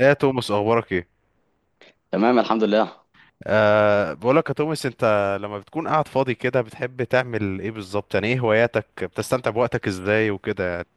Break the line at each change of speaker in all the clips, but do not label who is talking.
ايه يا توماس، اخبارك ايه؟
تمام، الحمد لله.
بقولك يا توماس، انت لما بتكون قاعد فاضي كده بتحب تعمل ايه بالظبط؟ يعني ايه هواياتك؟ بتستمتع بوقتك ازاي وكده يعني؟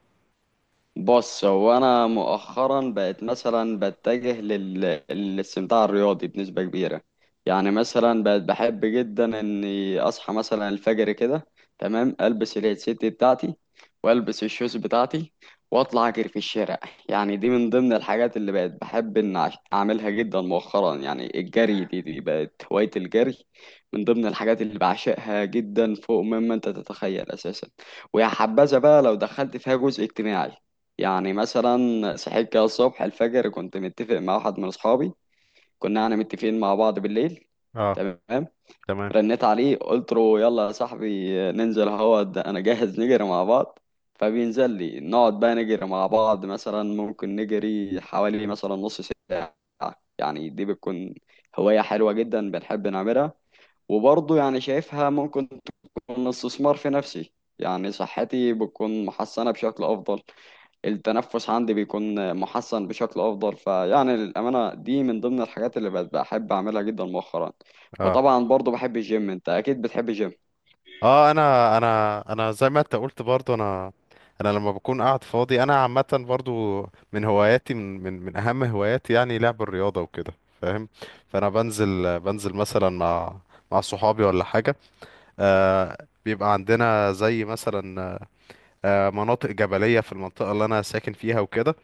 بص، هو انا مؤخرا بقت مثلا بتجه للاستمتاع الرياضي بنسبه كبيره. يعني مثلا بقت بحب جدا اني اصحى مثلا الفجر كده، تمام. البس الهيدسيت بتاعتي، والبس الشوز بتاعتي، واطلع اجري في الشارع. يعني دي من ضمن الحاجات اللي بقت بحب ان اعملها جدا مؤخرا. يعني الجري، دي بقت هوايه. الجري من ضمن الحاجات اللي بعشقها جدا فوق مما انت تتخيل اساسا. ويا حبذا بقى لو دخلت فيها جزء اجتماعي. يعني مثلا، صحيت كده الصبح الفجر، كنت متفق مع واحد من اصحابي. كنا يعني متفقين مع بعض بالليل،
اه.
تمام.
تمام.
رنيت عليه قلت له: يلا يا صاحبي ننزل، هو ده انا جاهز نجري مع بعض. فبينزل لي، نقعد بقى نجري مع بعض، مثلا ممكن نجري حوالي مثلا نص ساعة. يعني دي بتكون هواية حلوة جدا بنحب نعملها. وبرضه يعني شايفها ممكن تكون استثمار في نفسي. يعني صحتي بتكون محسنة بشكل أفضل، التنفس عندي بيكون محسن بشكل افضل. فيعني للامانه، دي من ضمن الحاجات اللي بقت بحب اعملها جدا مؤخرا.
اه.
وطبعا برضو بحب الجيم، انت اكيد بتحب الجيم.
اه، انا زي ما انت قلت، برضو انا لما بكون قاعد فاضي، انا عامه برضو من هواياتي، من اهم هواياتي يعني لعب الرياضه وكده، فاهم. فانا بنزل مثلا مع صحابي ولا حاجه. بيبقى عندنا زي مثلا، مناطق جبلية في المنطقة اللي أنا ساكن فيها وكده،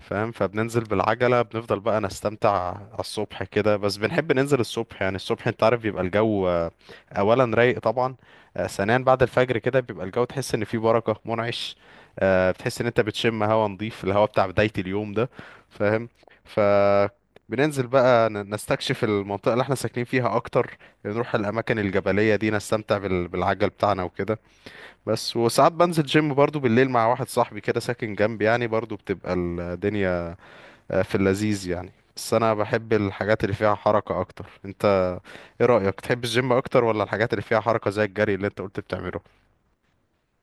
فاهم. فبننزل بالعجلة، بنفضل بقى نستمتع على الصبح كده، بس بنحب ننزل الصبح، يعني الصبح أنت عارف بيبقى الجو أولا رايق طبعا، ثانيا بعد الفجر كده بيبقى الجو، تحس إن فيه بركة منعش، بتحس إن أنت بتشم هوا نظيف، الهوا بتاع بداية اليوم ده، فاهم. ف بننزل بقى نستكشف المنطقة اللي احنا ساكنين فيها أكتر، نروح الأماكن الجبلية دي نستمتع بالعجل بتاعنا وكده. بس وساعات بنزل جيم برضو بالليل مع واحد صاحبي كده ساكن جنبي، يعني برضو بتبقى الدنيا في اللذيذ يعني. بس انا بحب الحاجات اللي فيها حركة اكتر. انت ايه رأيك؟ تحب الجيم اكتر ولا الحاجات اللي فيها حركة زي الجري اللي انت قلت بتعمله؟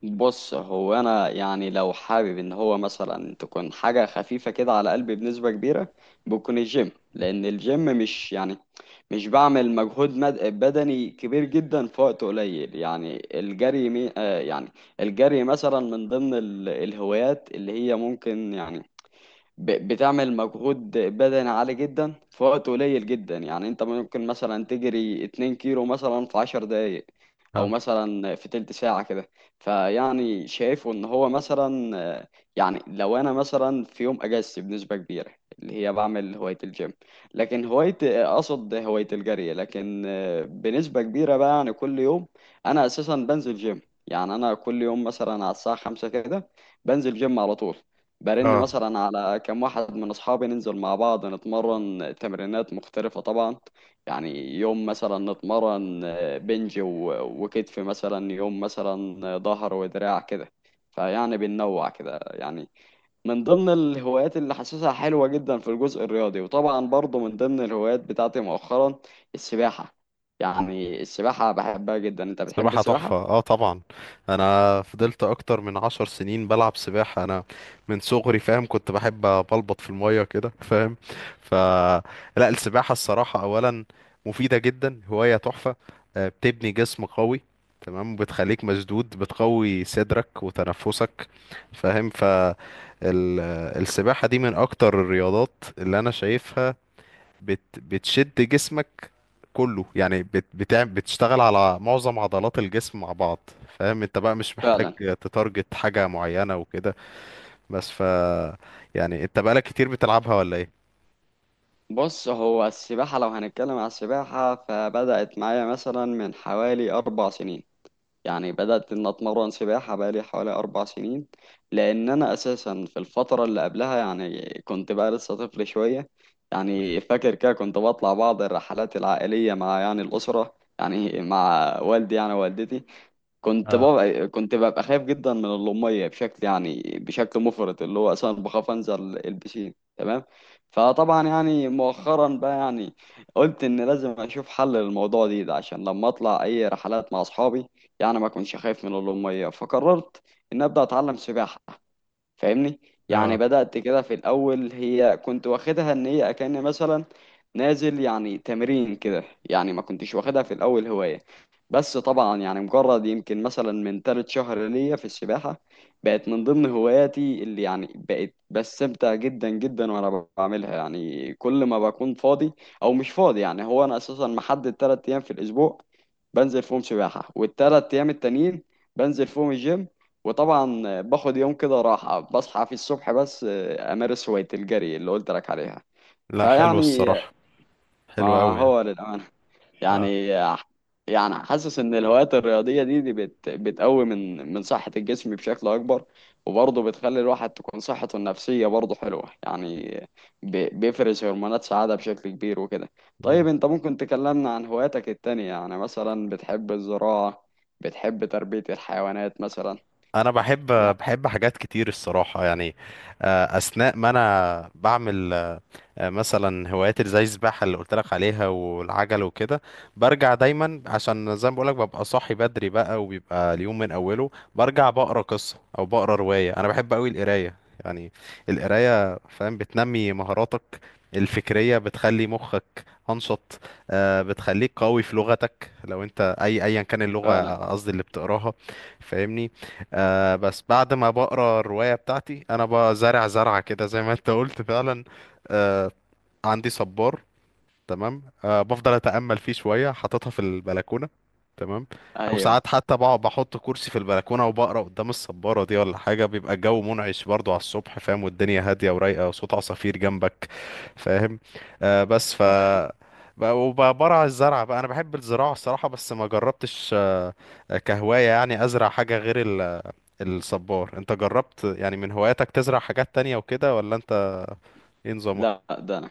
بص، هو انا يعني لو حابب ان هو مثلا تكون حاجه خفيفه كده على قلبي بنسبه كبيره، بكون الجيم. لان الجيم مش يعني مش بعمل مجهود بدني كبير جدا في وقت قليل. يعني الجري مي... آه يعني الجري مثلا من ضمن الهوايات اللي هي ممكن يعني بتعمل مجهود بدني عالي جدا في وقت قليل جدا. يعني انت ممكن مثلا تجري 2 كيلو مثلا في 10 دقايق، او مثلا في تلت ساعة كده. فيعني شايفه ان هو مثلا يعني لو انا مثلا في يوم اجازتي بنسبة كبيرة اللي هي بعمل هواية الجيم. لكن هواية اقصد هواية الجري، لكن بنسبة كبيرة بقى يعني كل يوم انا اساسا بنزل جيم. يعني انا كل يوم مثلا على الساعة خمسة كده بنزل جيم على طول. برن
اه.
مثلا على كم واحد من اصحابي ننزل مع بعض نتمرن تمرينات مختلفة طبعا. يعني يوم مثلا نتمرن بنج وكتف، مثلا يوم مثلا ظهر ودراع كده. فيعني بننوع كده يعني. من ضمن الهوايات اللي حاسسها حلوة جدا في الجزء الرياضي. وطبعا برضه من ضمن الهوايات بتاعتي مؤخرا، السباحة. يعني السباحة بحبها جدا، انت بتحب
سباحة تحفة،
السباحة؟
اه طبعا. انا فضلت اكتر من 10 سنين بلعب سباحة، انا من صغري فاهم، كنت بحب بلبط في المية كده، فاهم. ف لا السباحة الصراحة اولا مفيدة جدا، هواية تحفة. بتبني جسم قوي، تمام، بتخليك مشدود، بتقوي صدرك وتنفسك، فاهم. ال- السباحة دي من اكتر الرياضات اللي انا شايفها بتشد جسمك كله، يعني بتشتغل على معظم عضلات الجسم مع بعض، فاهم. انت بقى مش محتاج
فعلا.
تتارجت حاجة معينة وكده، بس يعني انت بقالك كتير بتلعبها ولا ايه؟
بص، هو السباحة لو هنتكلم على السباحة، فبدأت معايا مثلا من حوالي أربع سنين. يعني بدأت إن أتمرن سباحة بقالي حوالي أربع سنين. لأن أنا أساسا في الفترة اللي قبلها يعني كنت بقى لسه طفل شوية. يعني فاكر كده كنت بطلع بعض الرحلات العائلية مع يعني الأسرة، يعني مع والدي يعني والدتي. كنت
اه.
ببقى كنت ببقى خايف جدا من اللمية بشكل يعني بشكل مفرط، اللي هو اصلا بخاف انزل البسين، تمام. فطبعا يعني مؤخرا بقى يعني قلت ان لازم اشوف حل للموضوع دي ده، عشان لما اطلع اي رحلات مع اصحابي يعني ما اكونش خايف من اللمية. فقررت ان ابدا اتعلم سباحة، فاهمني. يعني
اه.
بدأت كده في الأول، هي كنت واخدها إن هي أكأن مثلا نازل يعني تمرين كده. يعني ما كنتش واخدها في الأول هواية. بس طبعا يعني مجرد يمكن مثلا من تالت شهر ليا في السباحة، بقت من ضمن هواياتي اللي يعني بقت بستمتع جدا جدا وأنا بعملها. يعني كل ما بكون فاضي أو مش فاضي. يعني هو أنا أساسا محدد تلات أيام في الأسبوع بنزل فيهم سباحة، والتلات أيام التانيين بنزل فيهم الجيم. وطبعا باخد يوم كده راحة بصحى في الصبح بس أمارس هواية الجري اللي قلت لك عليها.
لا حلو
فيعني
الصراحة،
ما
حلو قوي يعني.
هو للأمانة
اه.
يعني يعني حاسس إن الهوايات الرياضية، دي بتقوي من صحة الجسم بشكل أكبر. وبرضه بتخلي الواحد تكون صحته النفسية برضه حلوة. يعني بيفرز هرمونات سعادة بشكل كبير وكده. طيب
مم.
أنت ممكن تكلمنا عن هواياتك التانية؟ يعني مثلا بتحب الزراعة، بتحب تربية الحيوانات مثلا؟
انا بحب
يعني
بحب حاجات كتير الصراحة يعني. اثناء ما انا بعمل مثلا هوايات اللي زي السباحة اللي قلت لك عليها والعجل وكده، برجع دايما عشان زي ما بقولك ببقى صاحي بدري بقى وبيبقى اليوم من أوله، برجع بقرا قصة أو بقرا رواية. أنا بحب أوي القراية يعني، القراية فاهم بتنمي مهاراتك الفكرية، بتخلي مخك أنشط، بتخليك قوي في لغتك لو أنت أيا كان اللغة
فعلا.
قصدي اللي بتقراها، فاهمني. بس بعد ما بقرا الرواية بتاعتي أنا بزرع زرعة كده زي ما أنت قلت فعلا. آه، عندي صبار، تمام، بفضل اتامل فيه شويه حاططها في البلكونه، تمام. او
ايوه.
ساعات حتى بقعد بحط كرسي في البلكونه وبقرا قدام الصباره دي ولا حاجه، بيبقى الجو منعش برضو على الصبح، فاهم. والدنيا هاديه ورايقه وصوت عصافير جنبك، فاهم. بس
أيوة.
وبرع الزرع بقى انا بحب الزراعه الصراحه، بس ما جربتش كهوايه يعني ازرع حاجه غير الصبار. انت جربت يعني من هواياتك تزرع حاجات تانية وكده ولا انت ايه نظامك؟
لا، ده أنا،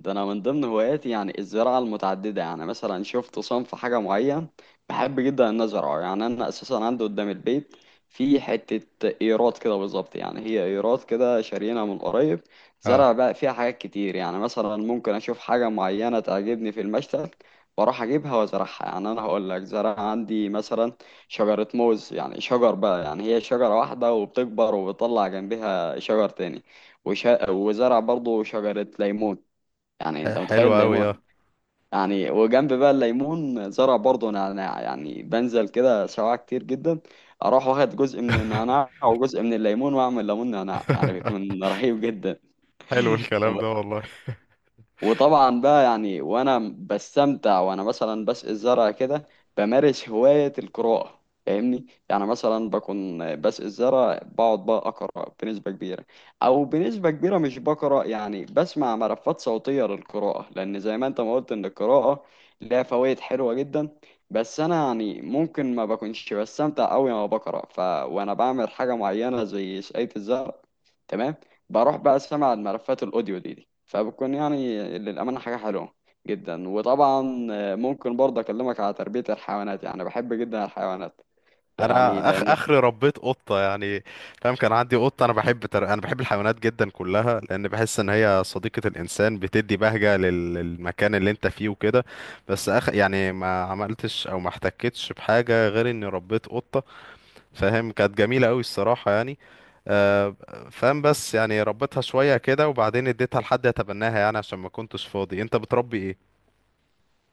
ده انا من ضمن هواياتي يعني الزراعه المتعدده. يعني مثلا شفت صنف حاجه معين بحب جدا ان ازرعه. يعني انا اساسا عندي قدام البيت في حته ايرات كده بالظبط، يعني هي ايرات كده شارينا من قريب.
اه.
زرع بقى فيها حاجات كتير. يعني مثلا ممكن اشوف حاجه معينه تعجبني في المشتل، بروح اجيبها وازرعها. يعني انا هقول لك زرع عندي مثلا شجره موز، يعني شجر بقى يعني هي شجره واحده وبتكبر وبتطلع جنبها شجر تاني. وزرع برضه شجره ليمون. يعني انت
حلو
متخيل الليمون؟
قوي.
يعني وجنب بقى الليمون زرع برضه انا نعناع. يعني بنزل كده سواع كتير جدا، اروح واخد جزء من النعناع وجزء من الليمون واعمل ليمون نعناع، يعني بيكون رهيب جدا.
حلو الكلام ده والله.
وطبعا بقى يعني وانا بستمتع وانا مثلا بسقي الزرع كده، بمارس هواية القراءة، فاهمني. يعني مثلا بكون بسقي الزرع بقعد بقى اقرا بنسبة كبيرة. او بنسبة كبيرة مش بقرا يعني بسمع ملفات صوتية للقراءة، لان زي ما انت ما قلت ان القراءة لها فوائد حلوة جدا. بس انا يعني ممكن ما بكونش بستمتع قوي وانا بقرا، ف وانا بعمل حاجة معينة زي سقاية الزرع، تمام، بروح بقى سمع الملفات الاوديو دي. فبتكون يعني للأمانة حاجة حلوة جدا. وطبعا ممكن برضه أكلمك على تربية الحيوانات. يعني بحب جدا الحيوانات، يعني
انا
لأن...
اخري ربيت قطه يعني، فاهم، كان عندي قطه. انا بحب الحيوانات جدا كلها، لان بحس ان هي صديقه الانسان، بتدي بهجه للمكان اللي انت فيه وكده. بس يعني ما عملتش او ما احتكتش بحاجه غير اني ربيت قطه، فاهم كانت جميله قوي الصراحه يعني. آه، فاهم. بس يعني ربيتها شويه كده وبعدين اديتها لحد يتبناها يعني عشان ما كنتش فاضي. انت بتربي ايه؟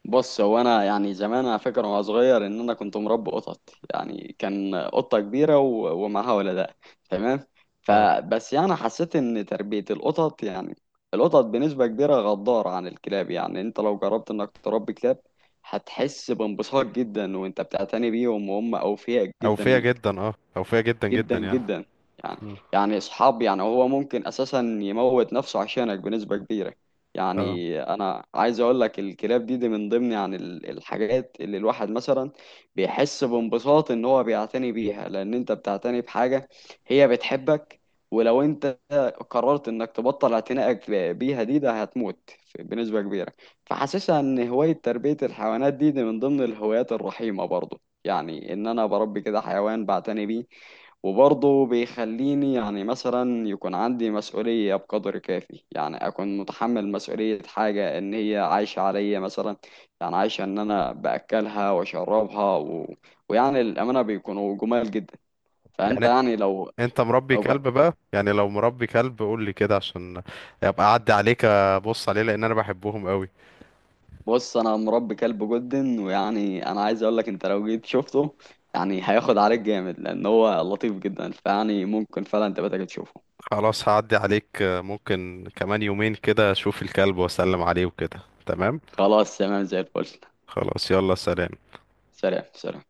بص، هو أنا يعني زمان على فكرة وأنا صغير إن أنا كنت مربي قطط. يعني كان قطة كبيرة ومعاها ولداء، تمام.
اه.
فبس يعني حسيت إن تربية القطط يعني القطط بنسبة كبيرة غدارة عن الكلاب. يعني أنت لو جربت إنك تربي كلاب، هتحس بانبساط جدا وأنت بتعتني بيهم، وهم أوفياء جدا
اوفيه
ليك.
جدا، اه، اوفيه جدا
جدا
جدا يعني.
جدا. يعني،
مم.
يعني اصحاب. يعني هو ممكن اساسا يموت نفسه عشانك بنسبة كبيرة.
اه.
يعني انا عايز اقول لك الكلاب، دي من ضمن يعني الحاجات اللي الواحد مثلا بيحس بانبساط ان هو بيعتني بيها، لان انت بتعتني بحاجة هي بتحبك. ولو انت قررت انك تبطل اعتنائك بيها، دي ده هتموت بنسبة كبيرة. فحاسسها ان هواية تربية الحيوانات، دي من ضمن الهوايات الرحيمة برضو. يعني ان انا بربي كده حيوان بعتني بيه، وبرضه بيخليني يعني مثلا يكون عندي مسؤولية بقدر كافي. يعني أكون متحمل مسؤولية حاجة إن هي عايشة عليا مثلا، يعني عايشة إن أنا بأكلها وأشربها و... ويعني الأمانة بيكونوا جمال جدا. فأنت
يعني
يعني
انت مربي
لو ج-
كلب بقى؟ يعني لو مربي كلب قول لي كده عشان ابقى اعدي عليك ابص عليه، لان انا بحبهم قوي.
بص أنا مربي كلب جدا، ويعني أنا عايز أقولك أنت لو جيت شفته يعني هياخد عليك جامد لأن هو لطيف جدا. فيعني ممكن فعلا تبقى تيجي تشوفه.
خلاص، هعدي عليك ممكن كمان يومين كده اشوف الكلب واسلم عليه وكده، تمام.
خلاص تمام زي الفل.
خلاص يلا، سلام.
سلام سلام.